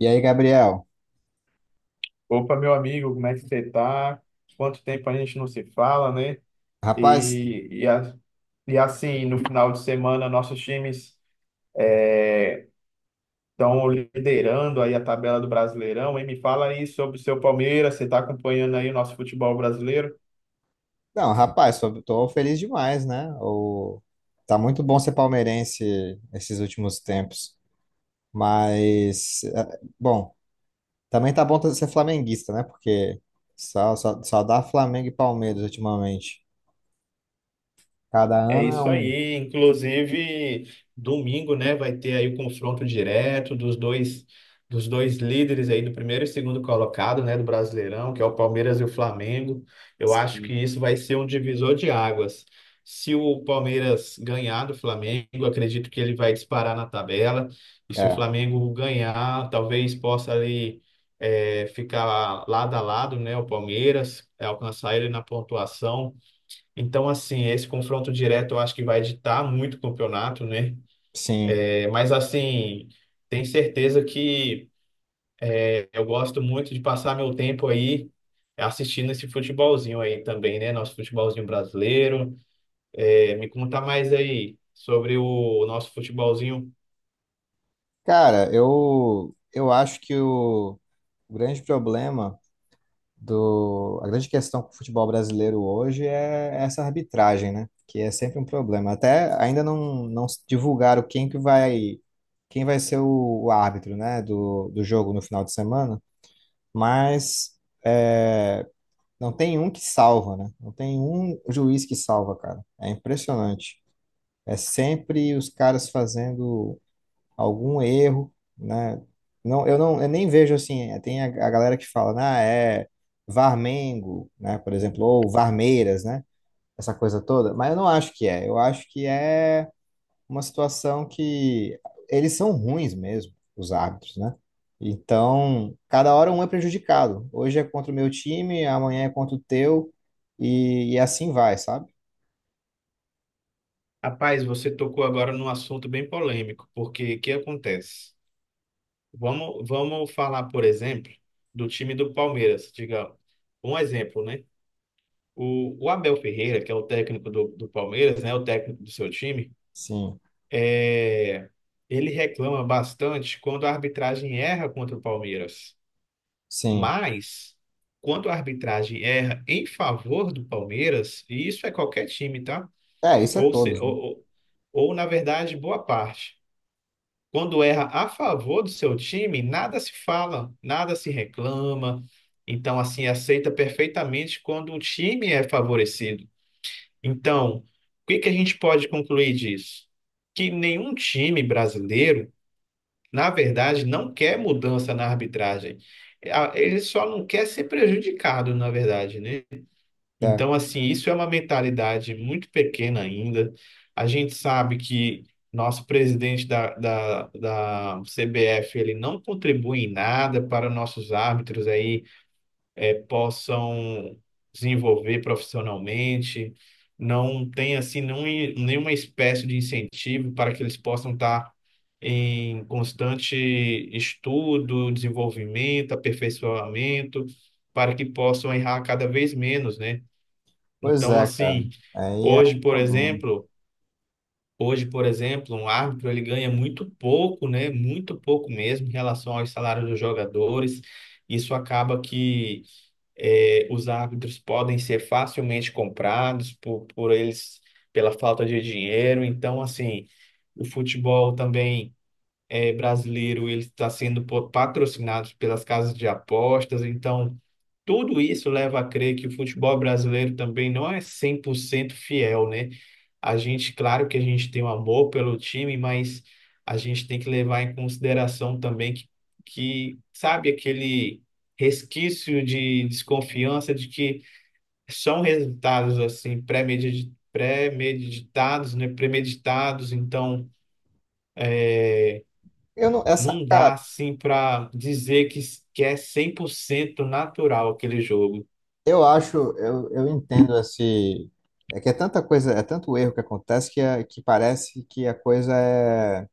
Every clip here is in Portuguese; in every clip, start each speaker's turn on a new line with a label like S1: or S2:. S1: E aí, Gabriel?
S2: Opa, meu amigo, como é que você tá? Quanto tempo a gente não se fala, né?
S1: Rapaz,
S2: E, e, a- e assim, no final de semana, nossos times estão liderando aí a tabela do Brasileirão. E me fala aí sobre o seu Palmeiras, você está acompanhando aí o nosso futebol brasileiro?
S1: não, rapaz, tô feliz demais, né? Tá muito bom ser palmeirense esses últimos tempos. Mas, bom, também tá bom ser flamenguista, né? Porque só dá Flamengo e Palmeiras ultimamente. Cada
S2: É
S1: ano é
S2: isso
S1: um.
S2: aí. Inclusive, domingo, né, vai ter aí o confronto direto dos dois líderes aí do primeiro e segundo colocado, né, do Brasileirão, que é o Palmeiras e o Flamengo. Eu acho que
S1: Sim.
S2: isso vai ser um divisor de águas. Se o Palmeiras ganhar do Flamengo, eu acredito que ele vai disparar na tabela. E se o
S1: É,
S2: Flamengo ganhar, talvez possa ali ficar lado a lado, né, o Palmeiras, alcançar ele na pontuação. Então, assim, esse confronto direto eu acho que vai ditar muito o campeonato, né?
S1: sim.
S2: É, mas, assim, tenho certeza que eu gosto muito de passar meu tempo aí assistindo esse futebolzinho aí também, né? Nosso futebolzinho brasileiro. É, me conta mais aí sobre o nosso futebolzinho.
S1: Cara, eu acho que o grande problema. A grande questão com o futebol brasileiro hoje é essa arbitragem, né? Que é sempre um problema. Até ainda não divulgaram quem vai ser o árbitro, né? Do jogo no final de semana, mas é, não tem um que salva, né? Não tem um juiz que salva, cara. É impressionante. É sempre os caras fazendo algum erro, né? Não, eu nem vejo assim, tem a galera que fala, ah, é Varmengo, né, por exemplo, ou Varmeiras, né? Essa coisa toda, mas eu não acho que é. Eu acho que é uma situação que eles são ruins mesmo, os árbitros, né? Então, cada hora um é prejudicado. Hoje é contra o meu time, amanhã é contra o teu, e assim vai, sabe?
S2: Rapaz, você tocou agora num assunto bem polêmico, porque o que acontece? Vamos falar, por exemplo, do time do Palmeiras, diga um exemplo, né? O Abel Ferreira, que é o técnico do Palmeiras, né, o técnico do seu time,
S1: Sim,
S2: é, ele reclama bastante quando a arbitragem erra contra o Palmeiras.
S1: sim.
S2: Mas, quando a arbitragem erra em favor do Palmeiras, e isso é qualquer time, tá?
S1: É, isso é
S2: Ou, se,
S1: todos. Né?
S2: ou, na verdade, boa parte. Quando erra a favor do seu time, nada se fala, nada se reclama. Então, assim, aceita perfeitamente quando o time é favorecido. Então, o que que a gente pode concluir disso? Que nenhum time brasileiro, na verdade, não quer mudança na arbitragem. Ele só não quer ser prejudicado, na verdade, né?
S1: É.
S2: Então, assim, isso é uma mentalidade muito pequena ainda. A gente sabe que nosso presidente da CBF, ele não contribui em nada para nossos árbitros aí possam desenvolver profissionalmente, não tem assim não, nenhuma espécie de incentivo para que eles possam estar em constante estudo, desenvolvimento, aperfeiçoamento, para que possam errar cada vez menos, né?
S1: Pois
S2: Então,
S1: é, cara.
S2: assim,
S1: Aí é
S2: hoje, por
S1: problema.
S2: exemplo, hoje, por exemplo, um árbitro ele ganha muito pouco, né? Muito pouco mesmo em relação aos salários dos jogadores. Isso acaba que os árbitros podem ser facilmente comprados por eles pela falta de dinheiro. Então, assim, o futebol também brasileiro ele está sendo patrocinado pelas casas de apostas. Então, tudo isso leva a crer que o futebol brasileiro também não é 100% fiel, né? A gente, claro que a gente tem um amor pelo time, mas a gente tem que levar em consideração também que sabe, aquele resquício de desconfiança de que são resultados assim pré-meditados, né, premeditados, então
S1: Eu não, essa,
S2: não
S1: cara,
S2: dá assim para dizer que é 100% natural aquele jogo.
S1: eu acho, eu entendo esse. É que é tanta coisa, é tanto erro que acontece que, que parece que a coisa é.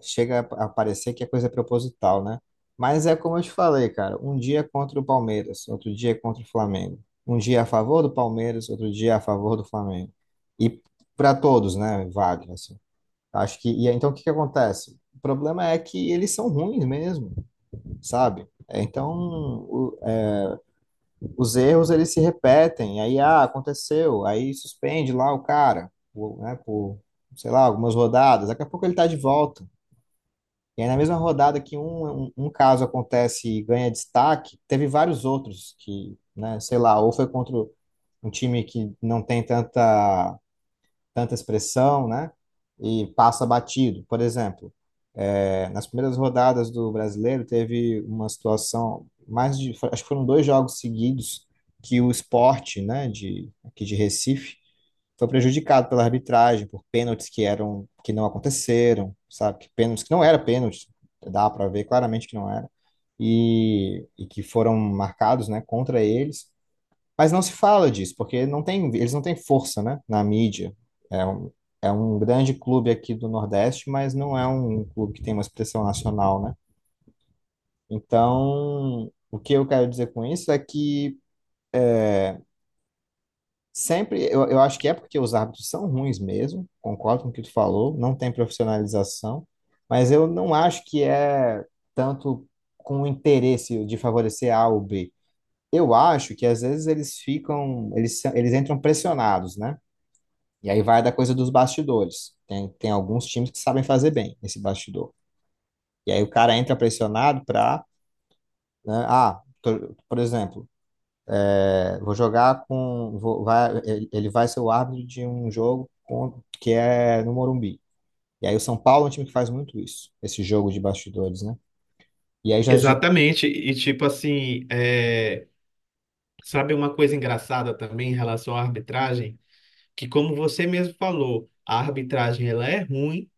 S1: Chega a parecer que a coisa é proposital, né? Mas é como eu te falei, cara, um dia é contra o Palmeiras, outro dia é contra o Flamengo. Um dia é a favor do Palmeiras, outro dia é a favor do Flamengo. E para todos, né? Vale, assim. Acho que. E aí, então o que que acontece? O problema é que eles são ruins mesmo, sabe? É, então, os erros eles se repetem, aí ah, aconteceu, aí suspende lá o cara, por, né, por, sei lá, algumas rodadas, daqui a pouco ele tá de volta. E aí na mesma rodada que um caso acontece e ganha destaque, teve vários outros que, né, sei lá, ou foi contra um time que não tem tanta expressão, né, e passa batido, por exemplo. É, nas primeiras rodadas do Brasileiro, teve uma situação mais de, acho que foram dois jogos seguidos que o Sport, né, de aqui de Recife, foi prejudicado pela arbitragem por pênaltis que eram que não aconteceram, sabe? Que pênaltis que não era pênalti, dá para ver claramente que não era e que foram marcados, né, contra eles. Mas não se fala disso, porque não tem, eles não têm força, né, na mídia. É um, É um grande clube aqui do Nordeste, mas não é um clube que tem uma expressão nacional, né? Então, o que eu quero dizer com isso é que sempre, eu acho que é porque os árbitros são ruins mesmo, concordo com o que tu falou, não tem profissionalização, mas eu não acho que é tanto com o interesse de favorecer A ou B. Eu acho que às vezes eles ficam, eles entram pressionados, né? E aí vai da coisa dos bastidores. Tem alguns times que sabem fazer bem esse bastidor. E aí o cara entra pressionado para, né, por exemplo, é, vou jogar com, vou- vai, ele vai ser o árbitro de um jogo que é no Morumbi. E aí o São Paulo é um time que faz muito isso, esse jogo de bastidores, né? E aí já,
S2: Exatamente, e tipo assim, sabe uma coisa engraçada também em relação à arbitragem? Que, como você mesmo falou, a arbitragem ela é ruim,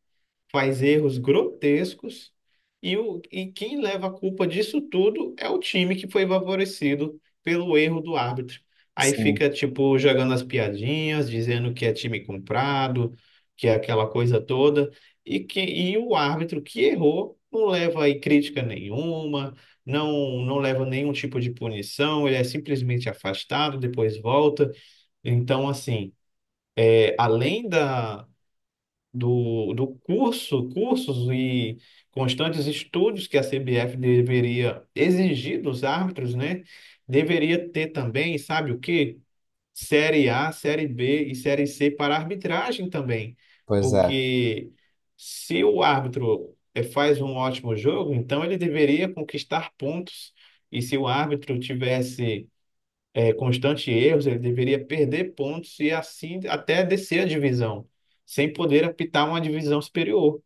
S2: faz erros grotescos, e quem leva a culpa disso tudo é o time que foi favorecido pelo erro do árbitro. Aí
S1: sim,
S2: fica, tipo, jogando as piadinhas, dizendo que é time comprado, que é aquela coisa toda, e o árbitro que errou não leva aí crítica nenhuma. Não, não leva nenhum tipo de punição, ele é simplesmente afastado, depois volta. Então, assim, além do cursos e constantes estudos que a CBF deveria exigir dos árbitros, né? Deveria ter também, sabe o quê? Série A, Série B e Série C para arbitragem também.
S1: pois é,
S2: Porque se o árbitro faz um ótimo jogo, então ele deveria conquistar pontos. E se o árbitro tivesse constantes erros, ele deveria perder pontos e assim até descer a divisão, sem poder apitar uma divisão superior.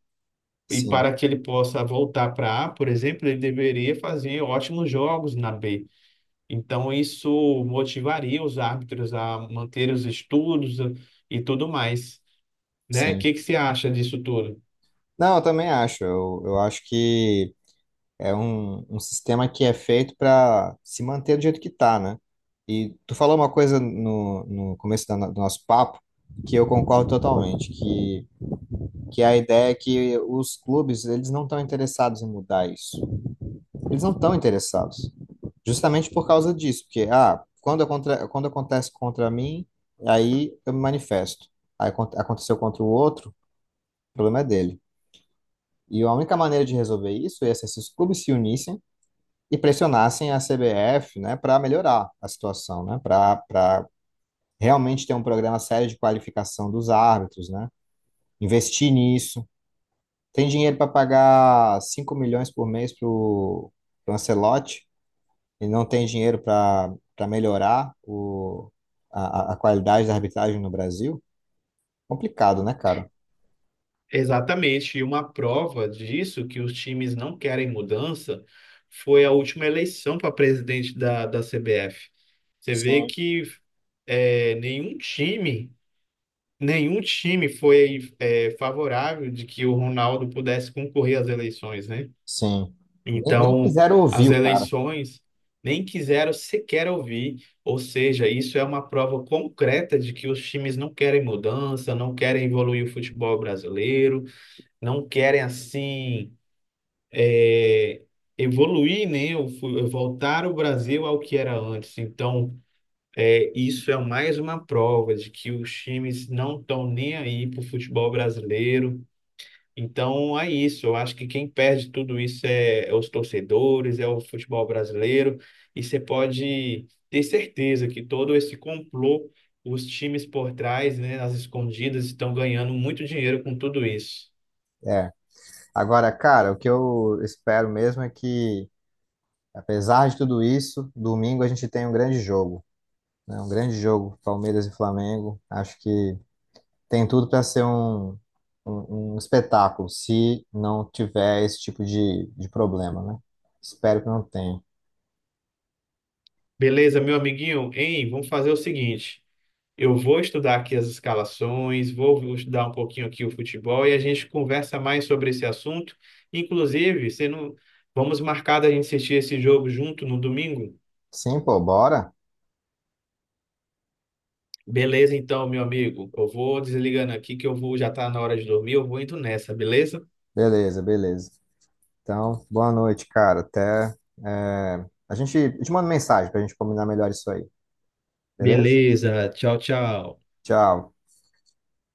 S2: E
S1: sim,
S2: para que ele possa voltar para A, por exemplo, ele deveria fazer ótimos jogos na B. Então, isso motivaria os árbitros a manter os estudos e tudo mais, né? O
S1: sim.
S2: que que você acha disso tudo?
S1: Não, eu também acho. Eu acho que é um sistema que é feito para se manter do jeito que tá, né? E tu falou uma coisa no começo da do nosso papo que eu concordo totalmente, que a ideia é que os clubes, eles não estão interessados em mudar isso. Eles não estão interessados. Justamente por causa disso, porque, ah, quando, quando acontece contra mim, aí eu me manifesto. Aí aconteceu contra o outro, o problema é dele. E a única maneira de resolver isso é se esses clubes se unissem e pressionassem a CBF, né, para melhorar a situação, né, para realmente ter um programa sério de qualificação dos árbitros, né, investir nisso. Tem dinheiro para pagar 5 milhões por mês para o Ancelotti e não tem dinheiro para melhorar a qualidade da arbitragem no Brasil? Complicado, né, cara?
S2: Exatamente, e uma prova disso que os times não querem mudança foi a última eleição para presidente da CBF. Você vê
S1: Sim.
S2: que é, nenhum time, nenhum time foi favorável de que o Ronaldo pudesse concorrer às eleições, né?
S1: Sim. Nem
S2: Então,
S1: quiseram ouvir
S2: as
S1: o cara.
S2: eleições nem quiseram sequer ouvir, ou seja, isso é uma prova concreta de que os times não querem mudança, não querem evoluir o futebol brasileiro não querem assim é, evoluir, né? Voltar o Brasil ao que era antes. Então, isso é mais uma prova de que os times não estão nem aí para o futebol brasileiro. Então, é isso. Eu acho que quem perde tudo isso é os torcedores, é o futebol brasileiro. E você pode ter certeza que todo esse complô, os times por trás, né, as escondidas, estão ganhando muito dinheiro com tudo isso.
S1: É. Agora, cara, o que eu espero mesmo é que apesar de tudo isso, domingo a gente tem um grande jogo, né? Um grande jogo, Palmeiras e Flamengo. Acho que tem tudo para ser um espetáculo, se não tiver esse tipo de problema, né? Espero que não tenha.
S2: Beleza, meu amiguinho? Hein, vamos fazer o seguinte: eu vou estudar aqui as escalações, vou estudar um pouquinho aqui o futebol e a gente conversa mais sobre esse assunto. Inclusive, você não... vamos marcar da gente assistir esse jogo junto no domingo?
S1: Sim, pô, bora?
S2: Beleza, então, meu amigo. Eu vou desligando aqui que eu vou, já tá na hora de dormir, eu vou indo nessa, beleza?
S1: Beleza, beleza. Então, boa noite, cara. Até. É, a gente eu te manda mensagem para a gente combinar melhor isso aí, beleza?
S2: Beleza, tchau, tchau.
S1: Tchau.